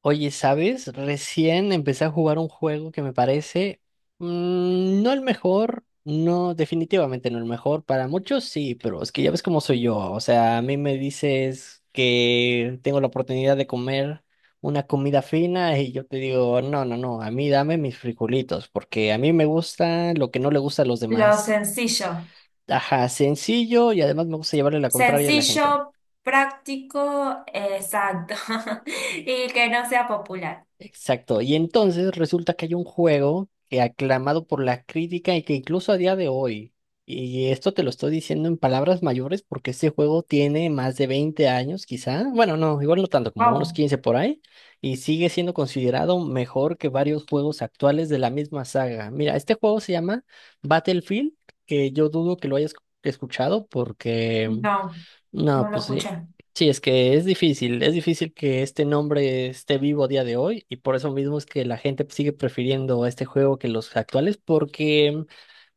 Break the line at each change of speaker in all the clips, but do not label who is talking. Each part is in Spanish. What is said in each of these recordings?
Oye, ¿sabes? Recién empecé a jugar un juego que me parece no el mejor, no, definitivamente no el mejor. Para muchos sí, pero es que ya ves cómo soy yo. O sea, a mí me dices que tengo la oportunidad de comer una comida fina y yo te digo, no, no, no, a mí dame mis frijolitos, porque a mí me gusta lo que no le gusta a los
Lo
demás.
sencillo.
Ajá, sencillo y además me gusta llevarle la contraria a la
Sencillo,
gente.
práctico, exacto. Y que no sea popular.
Exacto. Y entonces resulta que hay un juego que aclamado por la crítica y que incluso a día de hoy, y esto te lo estoy diciendo en palabras mayores porque este juego tiene más de 20 años quizá, bueno, no, igual no tanto, como unos
Wow.
15 por ahí, y sigue siendo considerado mejor que varios juegos actuales de la misma saga. Mira, este juego se llama Battlefield, que yo dudo que lo hayas escuchado porque...
No,
No,
no lo
pues sí.
escuché.
Sí, es que es difícil que este nombre esté vivo a día de hoy y por eso mismo es que la gente sigue prefiriendo este juego que los actuales porque,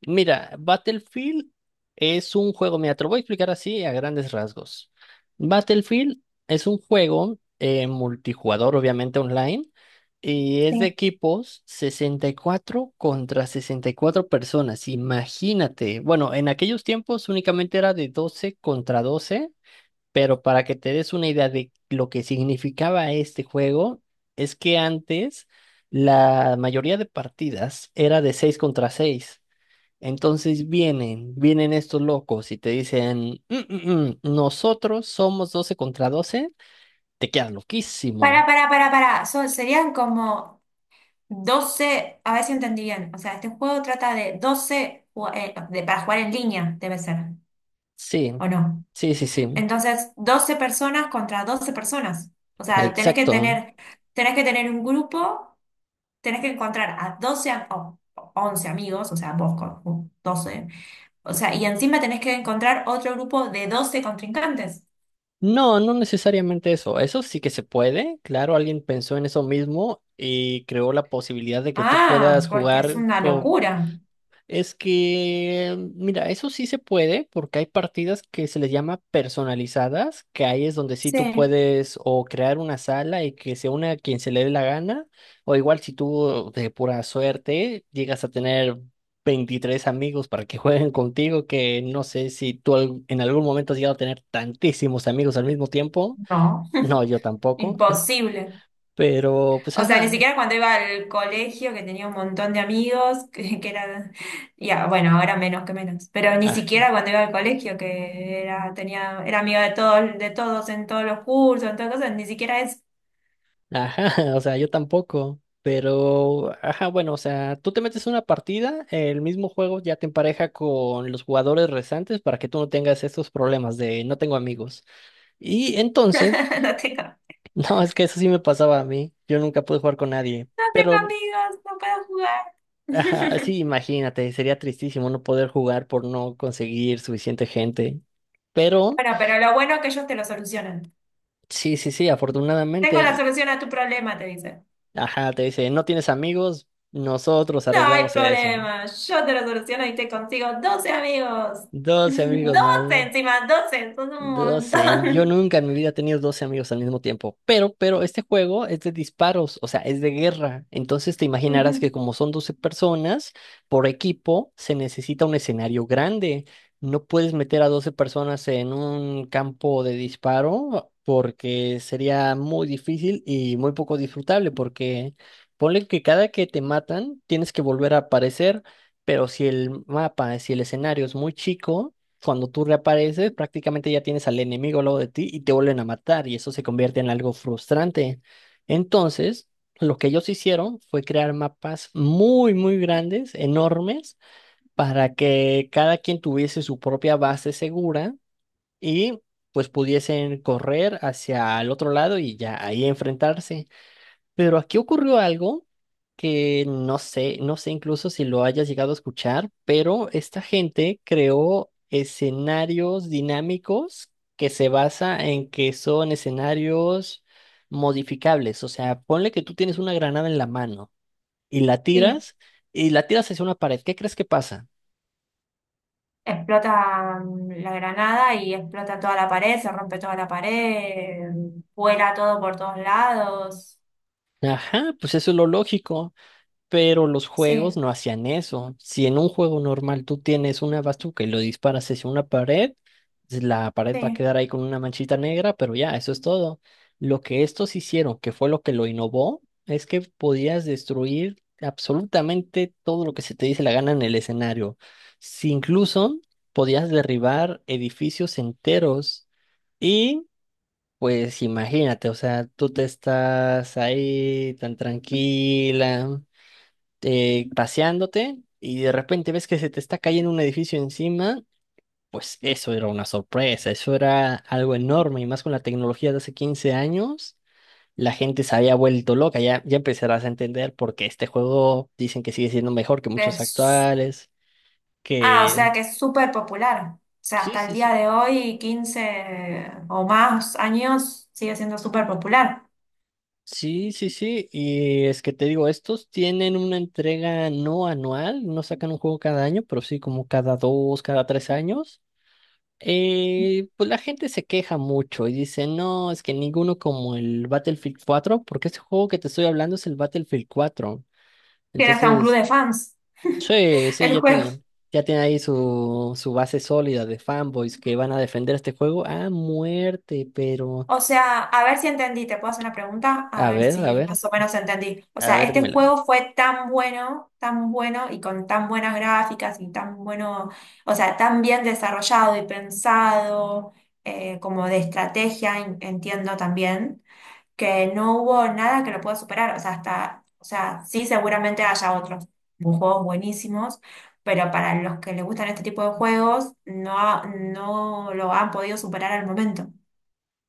mira, Battlefield es un juego, mira, te lo voy a explicar así a grandes rasgos. Battlefield es un juego multijugador, obviamente online, y es de
Sí.
equipos 64 contra 64 personas, imagínate. Bueno, en aquellos tiempos únicamente era de 12 contra 12, pero para que te des una idea de lo que significaba este juego, es que antes la mayoría de partidas era de 6 contra seis. Entonces vienen estos locos y te dicen, "Mm, mm, mm, nosotros somos 12 contra 12", te quedas loquísimo.
Para, para. Serían como 12. A ver si entendí bien. O sea, este juego trata de para jugar en línea, debe ser,
Sí,
¿o no?
sí, sí, sí,
Entonces, 12 personas contra 12 personas. O sea,
exacto.
tenés que tener un grupo. Tenés que encontrar a 12 am- o 11 amigos, o sea, vos con 12, o sea, y encima tenés que encontrar otro grupo de 12 contrincantes.
No, no necesariamente eso. Eso sí que se puede. Claro, alguien pensó en eso mismo y creó la posibilidad de que tú
Ah,
puedas
porque es
jugar
una
con...
locura.
Es que, mira, eso sí se puede porque hay partidas que se les llama personalizadas, que ahí es donde sí tú
Sí.
puedes o crear una sala y que se una a quien se le dé la gana, o igual si tú de pura suerte llegas a tener 23 amigos para que jueguen contigo, que no sé si tú al- en algún momento has llegado a tener tantísimos amigos al mismo tiempo,
No,
no, yo tampoco,
imposible.
pero pues
O sea, ni
ajá.
siquiera cuando iba al colegio, que tenía un montón de amigos, ya, bueno, ahora menos que menos, pero ni siquiera cuando iba al colegio, que era, tenía, era amiga de todos en todos los cursos, en todas cosas, ni siquiera eso.
Ajá, o sea, yo tampoco, pero, ajá, bueno, o sea, tú te metes una partida, el mismo juego ya te empareja con los jugadores restantes para que tú no tengas estos problemas de no tengo amigos. Y entonces,
No tengo.
no, es que eso sí me pasaba a mí, yo nunca pude jugar con nadie,
No tengo
pero,
amigos, no puedo jugar.
ajá, sí, imagínate, sería tristísimo no poder jugar por no conseguir suficiente gente. Pero,
Bueno, pero lo bueno es que ellos te lo solucionan.
sí, sí, sí,
Tengo la
afortunadamente,
solución a tu problema, te dicen.
ajá, te dice, no tienes amigos, nosotros
No hay
arreglamos eso.
problema, yo te lo soluciono y te consigo doce amigos.
12 amigos más.
Doce encima, 12 son un
12. Yo
montón.
nunca en mi vida he tenido 12 amigos al mismo tiempo. Pero, este juego es de disparos, o sea, es de guerra. Entonces te imaginarás que
Ujú.
como son 12 personas por equipo, se necesita un escenario grande. No puedes meter a 12 personas en un campo de disparo porque sería muy difícil y muy poco disfrutable porque ponle que cada que te matan tienes que volver a aparecer. Pero si el mapa, si el escenario es muy chico, cuando tú reapareces, prácticamente ya tienes al enemigo al lado de ti y te vuelven a matar y eso se convierte en algo frustrante. Entonces, lo que ellos hicieron fue crear mapas muy, muy grandes, enormes, para que cada quien tuviese su propia base segura y pues pudiesen correr hacia el otro lado y ya ahí enfrentarse. Pero aquí ocurrió algo que no sé, no sé incluso si lo hayas llegado a escuchar, pero esta gente creó escenarios dinámicos que se basa en que son escenarios modificables. O sea, ponle que tú tienes una granada en la mano y la
Sí,
tiras hacia una pared. ¿Qué crees que pasa?
explota la granada y explota toda la pared, se rompe toda la pared, vuela todo por todos lados.
Ajá, pues eso es lo lógico. Pero los juegos
Sí,
no hacían eso. Si en un juego normal tú tienes una bazooka y lo disparas hacia una pared, la pared va a
sí.
quedar ahí con una manchita negra, pero ya, eso es todo. Lo que estos hicieron, que fue lo que lo innovó, es que podías destruir absolutamente todo lo que se te dice la gana en el escenario. Si incluso podías derribar edificios enteros y... Pues imagínate, o sea, tú te estás ahí tan tranquila, paseándote y de repente ves que se te está cayendo un edificio encima, pues eso era una sorpresa, eso era algo enorme y más con la tecnología de hace 15 años, la gente se había vuelto loca, ya, ya empezarás a entender por qué este juego dicen que sigue siendo mejor que muchos
Es
actuales,
Ah, o sea
que...
que es súper popular. O sea,
Sí,
hasta el
sí,
día
sí.
de hoy, 15 o más años, sigue siendo súper popular.
Sí, sí, sí, y es que te digo, estos tienen una entrega no anual, no sacan un juego cada año, pero sí como cada dos, cada tres años. Pues la gente se queja mucho y dice, no, es que ninguno como el Battlefield 4, porque ese juego que te estoy hablando es el Battlefield 4.
Tiene hasta un club
Entonces,
de fans
sí, sí,
el juego.
ya tiene ahí su, su base sólida de fanboys que van a defender este juego a muerte, pero
O sea, a ver si entendí, te puedo hacer una pregunta, a
a
ver
ver, a
si
ver,
más o menos entendí. O
a
sea,
ver,
este
dímela.
juego fue tan bueno y con tan buenas gráficas y tan bueno, o sea, tan bien desarrollado y pensado, como de estrategia, entiendo también que no hubo nada que lo pueda superar. O sea, hasta, o sea, sí, seguramente haya otros juegos buenísimos, pero para los que les gustan este tipo de juegos, no, no lo han podido superar al momento.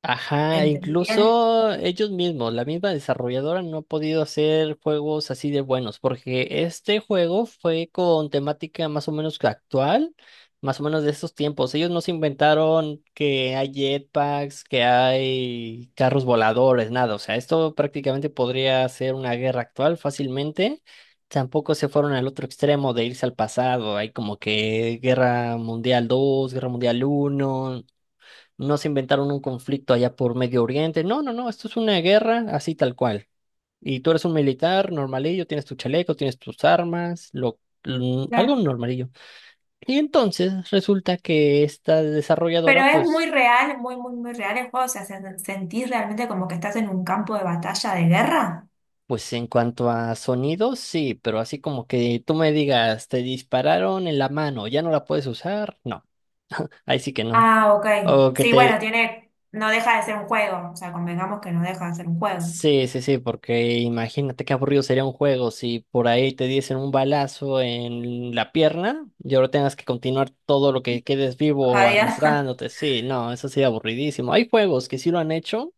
Ajá,
¿Entendí bien?
incluso ellos mismos, la misma desarrolladora no ha podido hacer juegos así de buenos, porque este juego fue con temática más o menos que actual, más o menos de estos tiempos. Ellos no se inventaron que hay jetpacks, que hay carros voladores, nada. O sea, esto prácticamente podría ser una guerra actual fácilmente. Tampoco se fueron al otro extremo de irse al pasado. Hay como que Guerra Mundial 2, Guerra Mundial uno. No se inventaron un conflicto allá por Medio Oriente. No, no, no, esto es una guerra así tal cual. Y tú eres un militar normalillo, tienes tu chaleco, tienes tus armas, lo, algo
Claro.
normalillo. Y entonces resulta que esta
Pero
desarrolladora,
es
pues,
muy real, muy, muy, muy real el juego. O sea, sentís realmente como que estás en un campo de batalla de guerra.
pues en cuanto a sonidos, sí, pero así como que tú me digas, te dispararon en la mano, ya no la puedes usar, no, ahí sí que no.
Ah, ok.
O que
Sí, bueno,
te...
tiene, no deja de ser un juego. O sea, convengamos que no deja de ser un juego.
Sí, sí, sí, porque imagínate qué aburrido sería un juego si por ahí te diesen un balazo en la pierna y ahora tengas que continuar todo lo que quedes vivo
Javier.
arrastrándote. Sí, no, eso sería aburridísimo. Hay juegos que sí lo han hecho,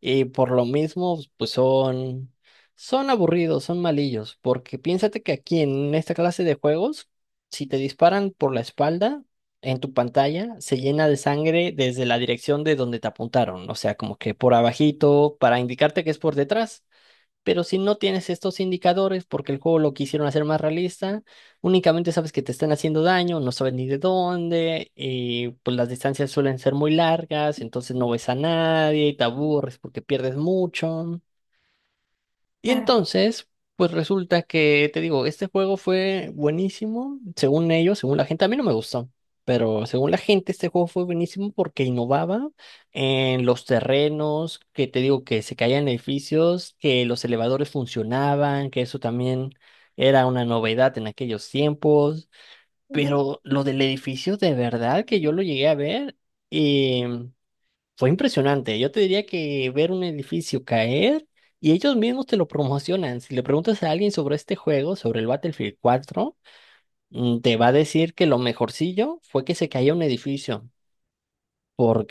y por lo mismo, pues son, son aburridos, son malillos, porque piénsate que aquí en esta clase de juegos, si te disparan por la espalda, en tu pantalla se llena de sangre desde la dirección de donde te apuntaron, o sea, como que por abajito, para indicarte que es por detrás. Pero si no tienes estos indicadores, porque el juego lo quisieron hacer más realista, únicamente sabes que te están haciendo daño, no sabes ni de dónde, y pues las distancias suelen ser muy largas, entonces no ves a nadie y te aburres porque pierdes mucho. Y entonces, pues resulta que, te digo, este juego fue buenísimo, según ellos, según la gente, a mí no me gustó, pero según la gente este juego fue buenísimo porque innovaba en los terrenos, que te digo que se caían edificios, que los elevadores funcionaban, que eso también era una novedad en aquellos tiempos,
Claro.
pero lo del edificio de verdad que yo lo llegué a ver. Fue impresionante. Yo te diría que ver un edificio caer y ellos mismos te lo promocionan. Si le preguntas a alguien sobre este juego, sobre el Battlefield 4, te va a decir que lo mejorcillo fue que se caía un edificio.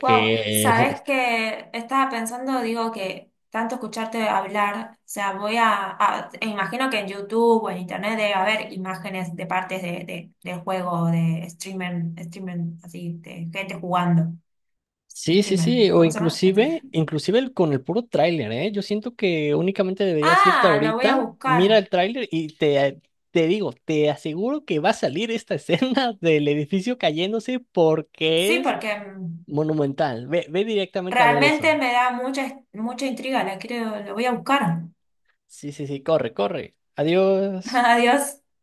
Wow, sabes que estaba pensando, digo que tanto escucharte hablar, o sea, voy e imagino que en YouTube o en Internet debe haber imágenes de partes del juego, de streamer, streamer, así, de gente jugando,
sí, sí,
streamer,
sí. O
¿cómo se llama? Este.
inclusive, inclusive el- con el puro tráiler, ¿eh? Yo siento que únicamente deberías irte
Ah, lo voy a
ahorita, mira
buscar.
el tráiler y te digo, te aseguro que va a salir esta escena del edificio cayéndose porque
Sí,
es
porque
monumental. Ve, ve directamente a ver eso.
realmente me da mucha, mucha intriga, la quiero, lo voy a buscar.
Sí, sí, sí, corre, corre. Adiós.
Adiós.